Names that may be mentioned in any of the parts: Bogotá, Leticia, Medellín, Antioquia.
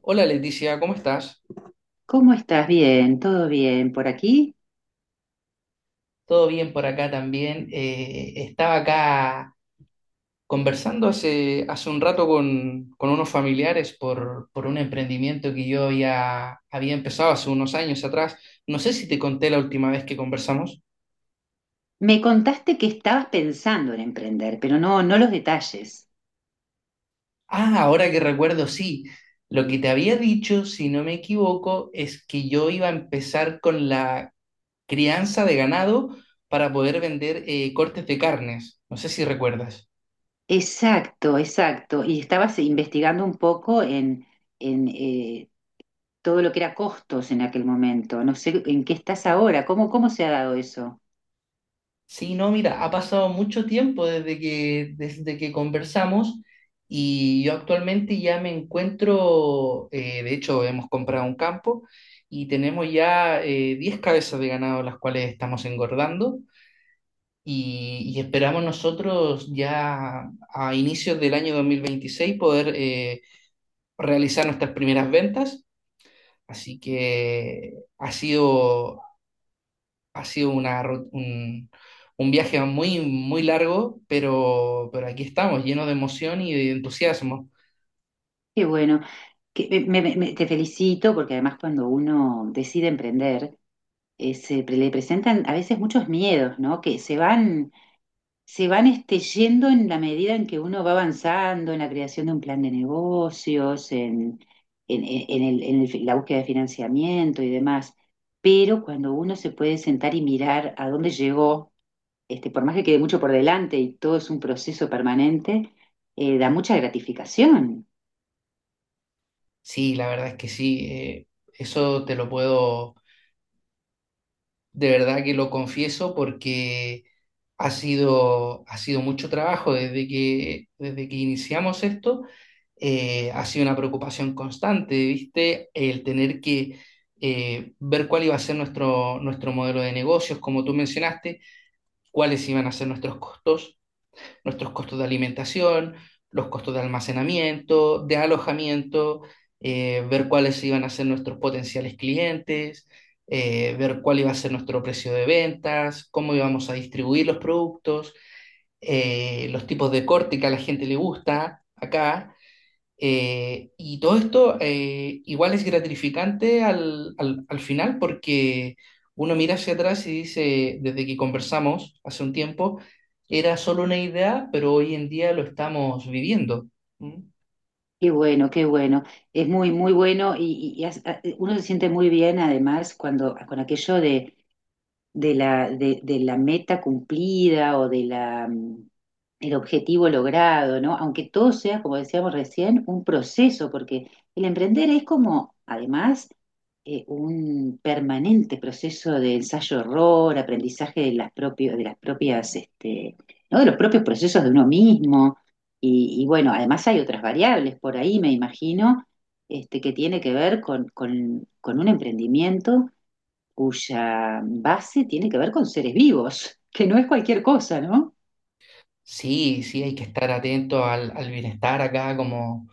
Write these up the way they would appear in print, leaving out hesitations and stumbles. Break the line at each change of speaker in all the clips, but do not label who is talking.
Hola Leticia, ¿cómo estás?
¿Cómo estás? Bien, todo bien por aquí.
Todo bien por acá también. Estaba acá conversando hace un rato con unos familiares por un emprendimiento que yo había empezado hace unos años atrás. No sé si te conté la última vez que conversamos.
Me contaste que estabas pensando en emprender, pero no los detalles.
Ah, ahora que recuerdo, sí. Lo que te había dicho, si no me equivoco, es que yo iba a empezar con la crianza de ganado para poder vender cortes de carnes. No sé si recuerdas.
Exacto, exacto. Y estabas investigando un poco en todo lo que era costos en aquel momento. No sé en qué estás ahora, cómo se ha dado eso.
Sí, no, mira, ha pasado mucho tiempo desde que conversamos y yo actualmente ya me encuentro, de hecho hemos comprado un campo y tenemos ya 10 cabezas de ganado las cuales estamos engordando y esperamos nosotros ya a inicios del año 2026 poder realizar nuestras primeras ventas. Así que ha sido ha sido un viaje muy largo, pero aquí estamos, llenos de emoción y de entusiasmo.
Qué bueno. Que, me- me- me- Te felicito porque además cuando uno decide emprender, se le presentan a veces muchos miedos, ¿no? Que se van yendo en la medida en que uno va avanzando en la creación de un plan de negocios, en el la búsqueda de financiamiento y demás. Pero cuando uno se puede sentar y mirar a dónde llegó, por más que quede mucho por delante y todo es un proceso permanente, da mucha gratificación.
Sí, la verdad es que sí, eso te lo puedo, de verdad que lo confieso porque ha sido mucho trabajo desde que iniciamos esto, ha sido una preocupación constante, ¿viste? El tener que ver cuál iba a ser nuestro modelo de negocios, como tú mencionaste, cuáles iban a ser nuestros costos de alimentación, los costos de almacenamiento, de alojamiento, ver cuáles iban a ser nuestros potenciales clientes, ver cuál iba a ser nuestro precio de ventas, cómo íbamos a distribuir los productos, los tipos de corte que a la gente le gusta acá, y todo esto igual es gratificante al final porque uno mira hacia atrás y dice, desde que conversamos hace un tiempo, era solo una idea, pero hoy en día lo estamos viviendo. ¿Mm?
Qué bueno, qué bueno. Es muy, muy bueno y uno se siente muy bien además cuando con aquello de la meta cumplida o de la, el objetivo logrado, ¿no? Aunque todo sea, como decíamos recién, un proceso, porque el emprender es como, además, un permanente proceso de ensayo-error, aprendizaje de las propias, ¿no? De los propios procesos de uno mismo y bueno, además hay otras variables por ahí, me imagino, que tiene que ver con un emprendimiento cuya base tiene que ver con seres vivos, que no es cualquier cosa, ¿no?
Sí, sí, hay que estar atento al bienestar acá como,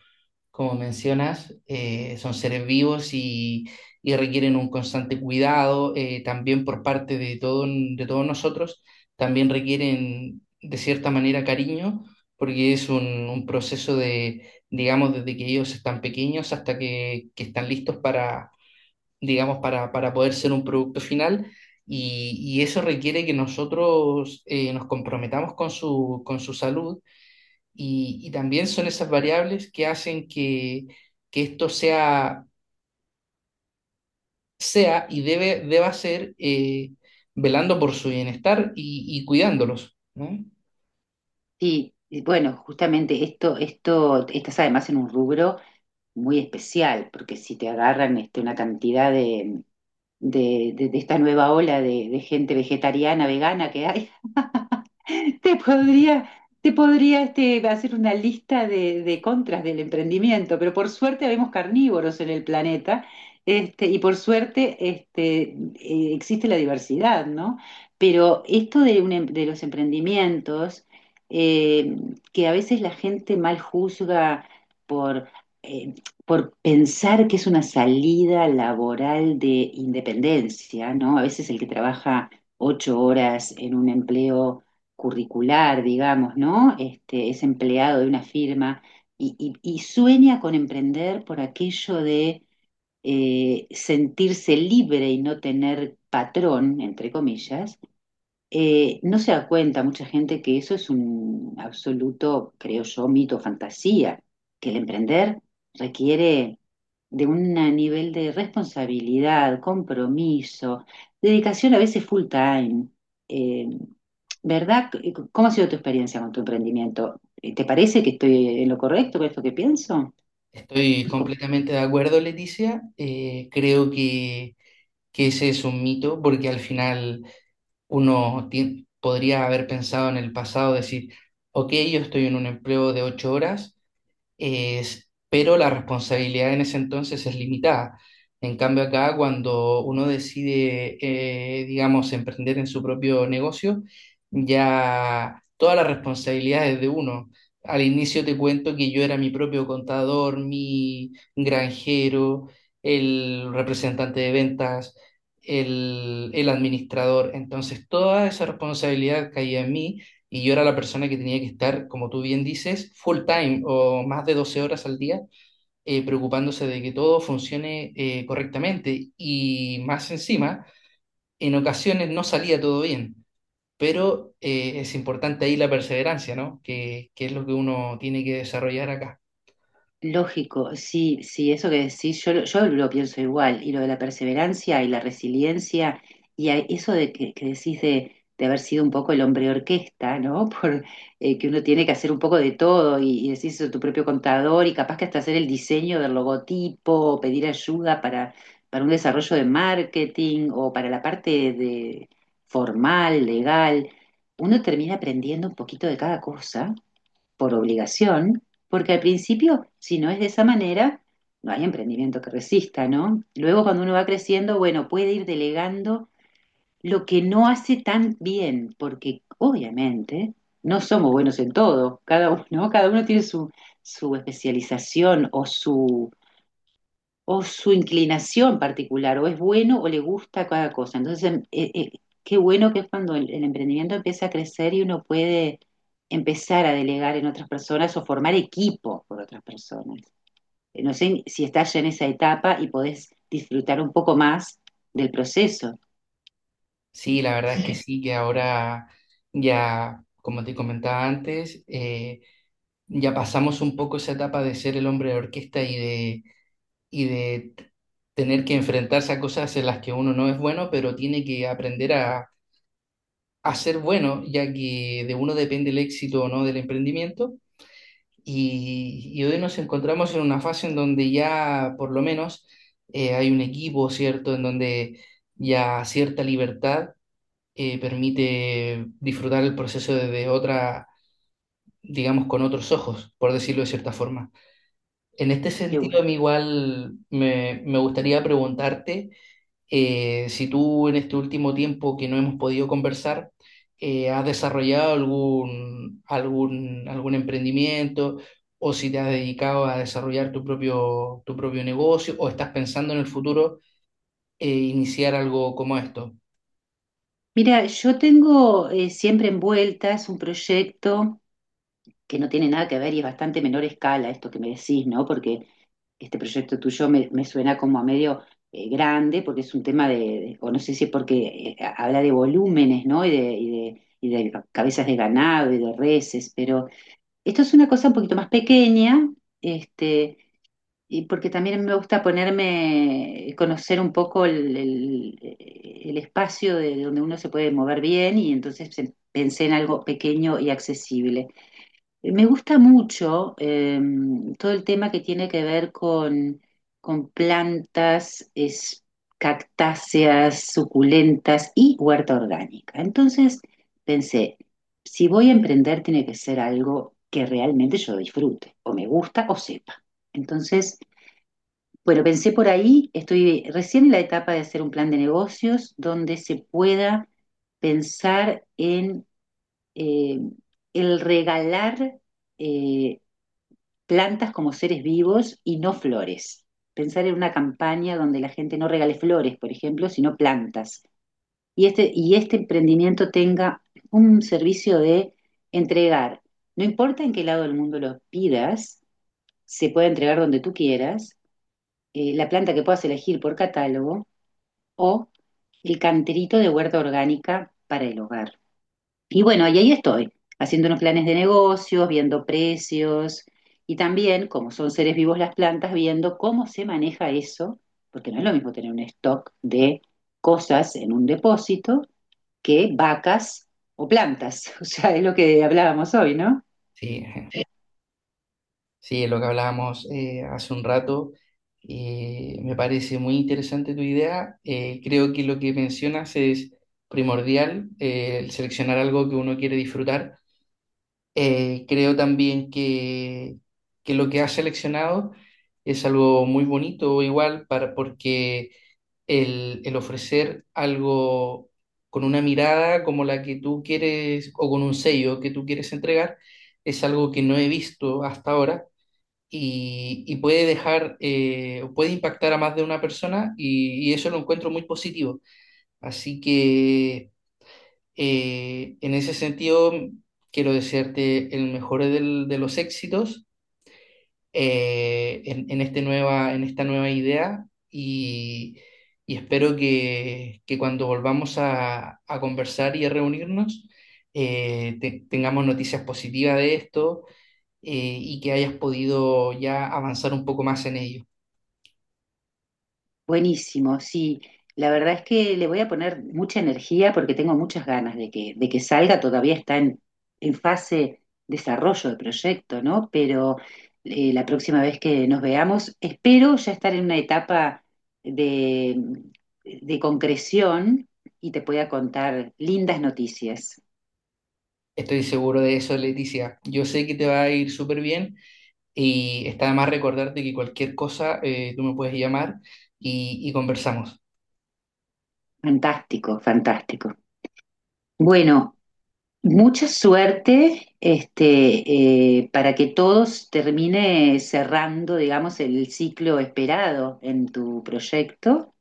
como mencionas, son seres vivos y requieren un constante cuidado, también por parte de, todo, de todos nosotros, también requieren de cierta manera cariño, porque es un proceso de, digamos, desde que ellos están pequeños hasta que están listos para, digamos, para poder ser un producto final. Y eso requiere que nosotros nos comprometamos con su salud y también son esas variables que hacen que esto sea, sea y deba ser, velando por su bienestar y cuidándolos, ¿no?
Sí, y bueno, justamente estás además en un rubro muy especial, porque si te agarran una cantidad de esta nueva ola de gente vegetariana, vegana que hay. Te podría, Te podría hacer una lista de contras del emprendimiento, pero por suerte vemos carnívoros en el planeta, este, y por suerte este, existe la diversidad, ¿no? Pero esto de, de los emprendimientos, eh, que a veces la gente mal juzga por, eh, por pensar que es una salida laboral de independencia, ¿no? A veces el que trabaja ocho horas en un empleo curricular, digamos, ¿no? Es empleado de una firma y y- sueña con emprender por aquello de sentirse libre y no tener patrón, entre comillas, no se da cuenta mucha gente que eso es un absoluto, creo yo, mito, fantasía, que el emprender requiere de un nivel de responsabilidad, compromiso, dedicación a veces full time. Eh, ¿Verdad? ¿Cómo ha sido tu experiencia con tu emprendimiento? ¿Te parece que estoy en lo correcto con esto que pienso?
Estoy completamente de acuerdo, Leticia. Creo que ese es un mito porque al final podría haber pensado en el pasado, decir, ok, yo estoy en un empleo de 8 horas, pero la responsabilidad en ese entonces es limitada. En cambio, acá cuando uno decide, digamos, emprender en su propio negocio, ya toda la responsabilidad es de uno. Al inicio te cuento que yo era mi propio contador, mi granjero, el representante de ventas, el administrador. Entonces, toda esa responsabilidad caía en mí y yo era la persona que tenía que estar, como tú bien dices, full time o más de 12 horas al día, preocupándose de que todo funcione correctamente. Y más encima, en ocasiones no salía todo bien, pero es importante ahí la perseverancia, ¿no? Que es lo que uno tiene que desarrollar acá.
Lógico, sí, sí, eso que decís, yo lo pienso igual, y lo de la perseverancia y la resiliencia, eso de que decís de haber sido un poco el hombre orquesta, ¿no? Que uno tiene que hacer un poco de todo, y decís tu propio contador, y capaz que hasta hacer el diseño del logotipo, pedir ayuda para un desarrollo de marketing o para la parte de formal, legal, uno termina aprendiendo un poquito de cada cosa por obligación, porque al principio, si no es de esa manera, no hay emprendimiento que resista, ¿no? Luego cuando uno va creciendo, bueno, puede ir delegando lo que no hace tan bien, porque obviamente no somos buenos en todo, cada uno, ¿no? Cada uno tiene su, su especialización o su inclinación particular, o es bueno o le gusta cada cosa. Entonces, qué bueno que es cuando el emprendimiento empieza a crecer y uno puede empezar a delegar en otras personas o formar equipo por otras personas. No sé si estás ya en esa etapa y podés disfrutar un poco más del proceso.
Sí, la verdad es que sí, que ahora ya, como te comentaba antes, ya pasamos un poco esa etapa de ser el hombre de orquesta y de y de t- tener que enfrentarse a cosas en las que uno no es bueno, pero tiene que aprender a ser bueno, ya que de uno depende el éxito o no del emprendimiento. Y hoy nos encontramos en una fase en donde ya por lo menos hay un equipo, ¿cierto? En donde ya cierta libertad permite disfrutar el proceso desde otra, digamos, con otros ojos, por decirlo de cierta forma. En este
Qué
sentido, a
bueno.
mí igual me gustaría preguntarte. Si tú en este último tiempo que no hemos podido conversar, has desarrollado algún emprendimiento o si te has dedicado a desarrollar tu propio negocio o estás pensando en el futuro iniciar algo como esto.
Mira, yo tengo siempre envuelta, es un proyecto que no tiene nada que ver y es bastante menor escala esto que me decís, ¿no? Porque este proyecto tuyo me suena como a medio grande, porque es un tema o no sé si es porque habla de volúmenes, ¿no? Y de, y de, y de cabezas de ganado y de reses, pero esto es una cosa un poquito más pequeña, este, y porque también me gusta ponerme, conocer un poco el espacio de donde uno se puede mover bien y entonces pensé en algo pequeño y accesible. Me gusta mucho todo el tema que tiene que ver con plantas, cactáceas, suculentas y huerta orgánica. Entonces pensé, si voy a emprender tiene que ser algo que realmente yo disfrute, o me gusta o sepa. Entonces... Bueno, pensé por ahí, estoy recién en la etapa de hacer un plan de negocios donde se pueda pensar en eh, el regalar eh, plantas como seres vivos y no flores. Pensar en una campaña donde la gente no regale flores, por ejemplo, sino plantas. Y este emprendimiento tenga un servicio de entregar. No importa en qué lado del mundo lo pidas, se puede entregar donde tú quieras, la planta que puedas elegir por catálogo o el canterito de huerta orgánica para el hogar. Y bueno, y ahí estoy, haciendo unos planes de negocios, viendo precios y también, como son seres vivos las plantas, viendo cómo se maneja eso, porque no es lo mismo tener un stock de cosas en un depósito que vacas o plantas. O sea, es lo que hablábamos hoy, ¿no?
Sí, sí, lo que hablábamos hace un rato. Me parece muy interesante tu idea. Creo que lo que mencionas es primordial, el seleccionar algo que uno quiere disfrutar. Creo también que lo que has seleccionado es algo muy bonito, igual, para, porque el ofrecer algo con una mirada como la que tú quieres o con un sello que tú quieres entregar es algo que no he visto hasta ahora y puede dejar, puede impactar a más de una persona y eso lo encuentro muy positivo. Así que... En ese sentido, quiero desearte el mejor de los éxitos, en este nueva, en esta nueva idea y, y espero que cuando volvamos a conversar y a reunirnos, tengamos noticias positivas de esto, y que hayas podido ya avanzar un poco más en ello.
Buenísimo, sí. La verdad es que le voy a poner mucha energía porque tengo muchas ganas de de que salga. Todavía está en fase desarrollo de proyecto, ¿no? Pero la próxima vez que nos veamos, espero ya estar en una etapa de, de concreción y te pueda contar lindas noticias.
Estoy seguro de eso, Leticia. Yo sé que te va a ir súper bien. Y está de más recordarte que cualquier cosa, tú me puedes llamar y conversamos.
Fantástico, fantástico. Bueno, mucha suerte, para que todos termine cerrando, digamos, el ciclo esperado en tu proyecto.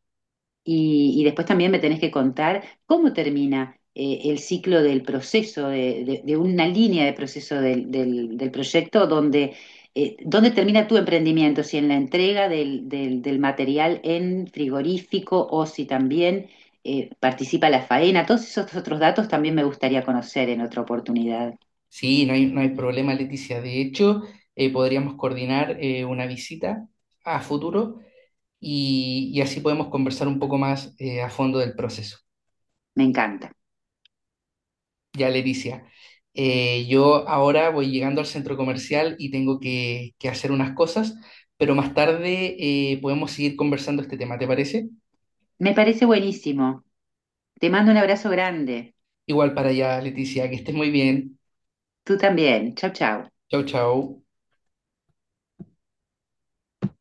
Y después también me tenés que contar cómo termina el ciclo del proceso, de una línea de proceso del proyecto, dónde termina tu emprendimiento, si en la entrega del material en frigorífico o si también participa la faena. Todos esos otros datos también me gustaría conocer en otra oportunidad.
Sí, no hay, no hay problema, Leticia. De hecho, podríamos coordinar una visita a futuro y así podemos conversar un poco más a fondo del proceso.
Me encanta.
Ya, Leticia, yo ahora voy llegando al centro comercial y tengo que hacer unas cosas, pero más tarde podemos seguir conversando este tema, ¿te parece?
Me parece buenísimo. Te mando un abrazo grande.
Igual para allá, Leticia, que estés muy bien.
Tú también. Chau, chau.
Chau, chau.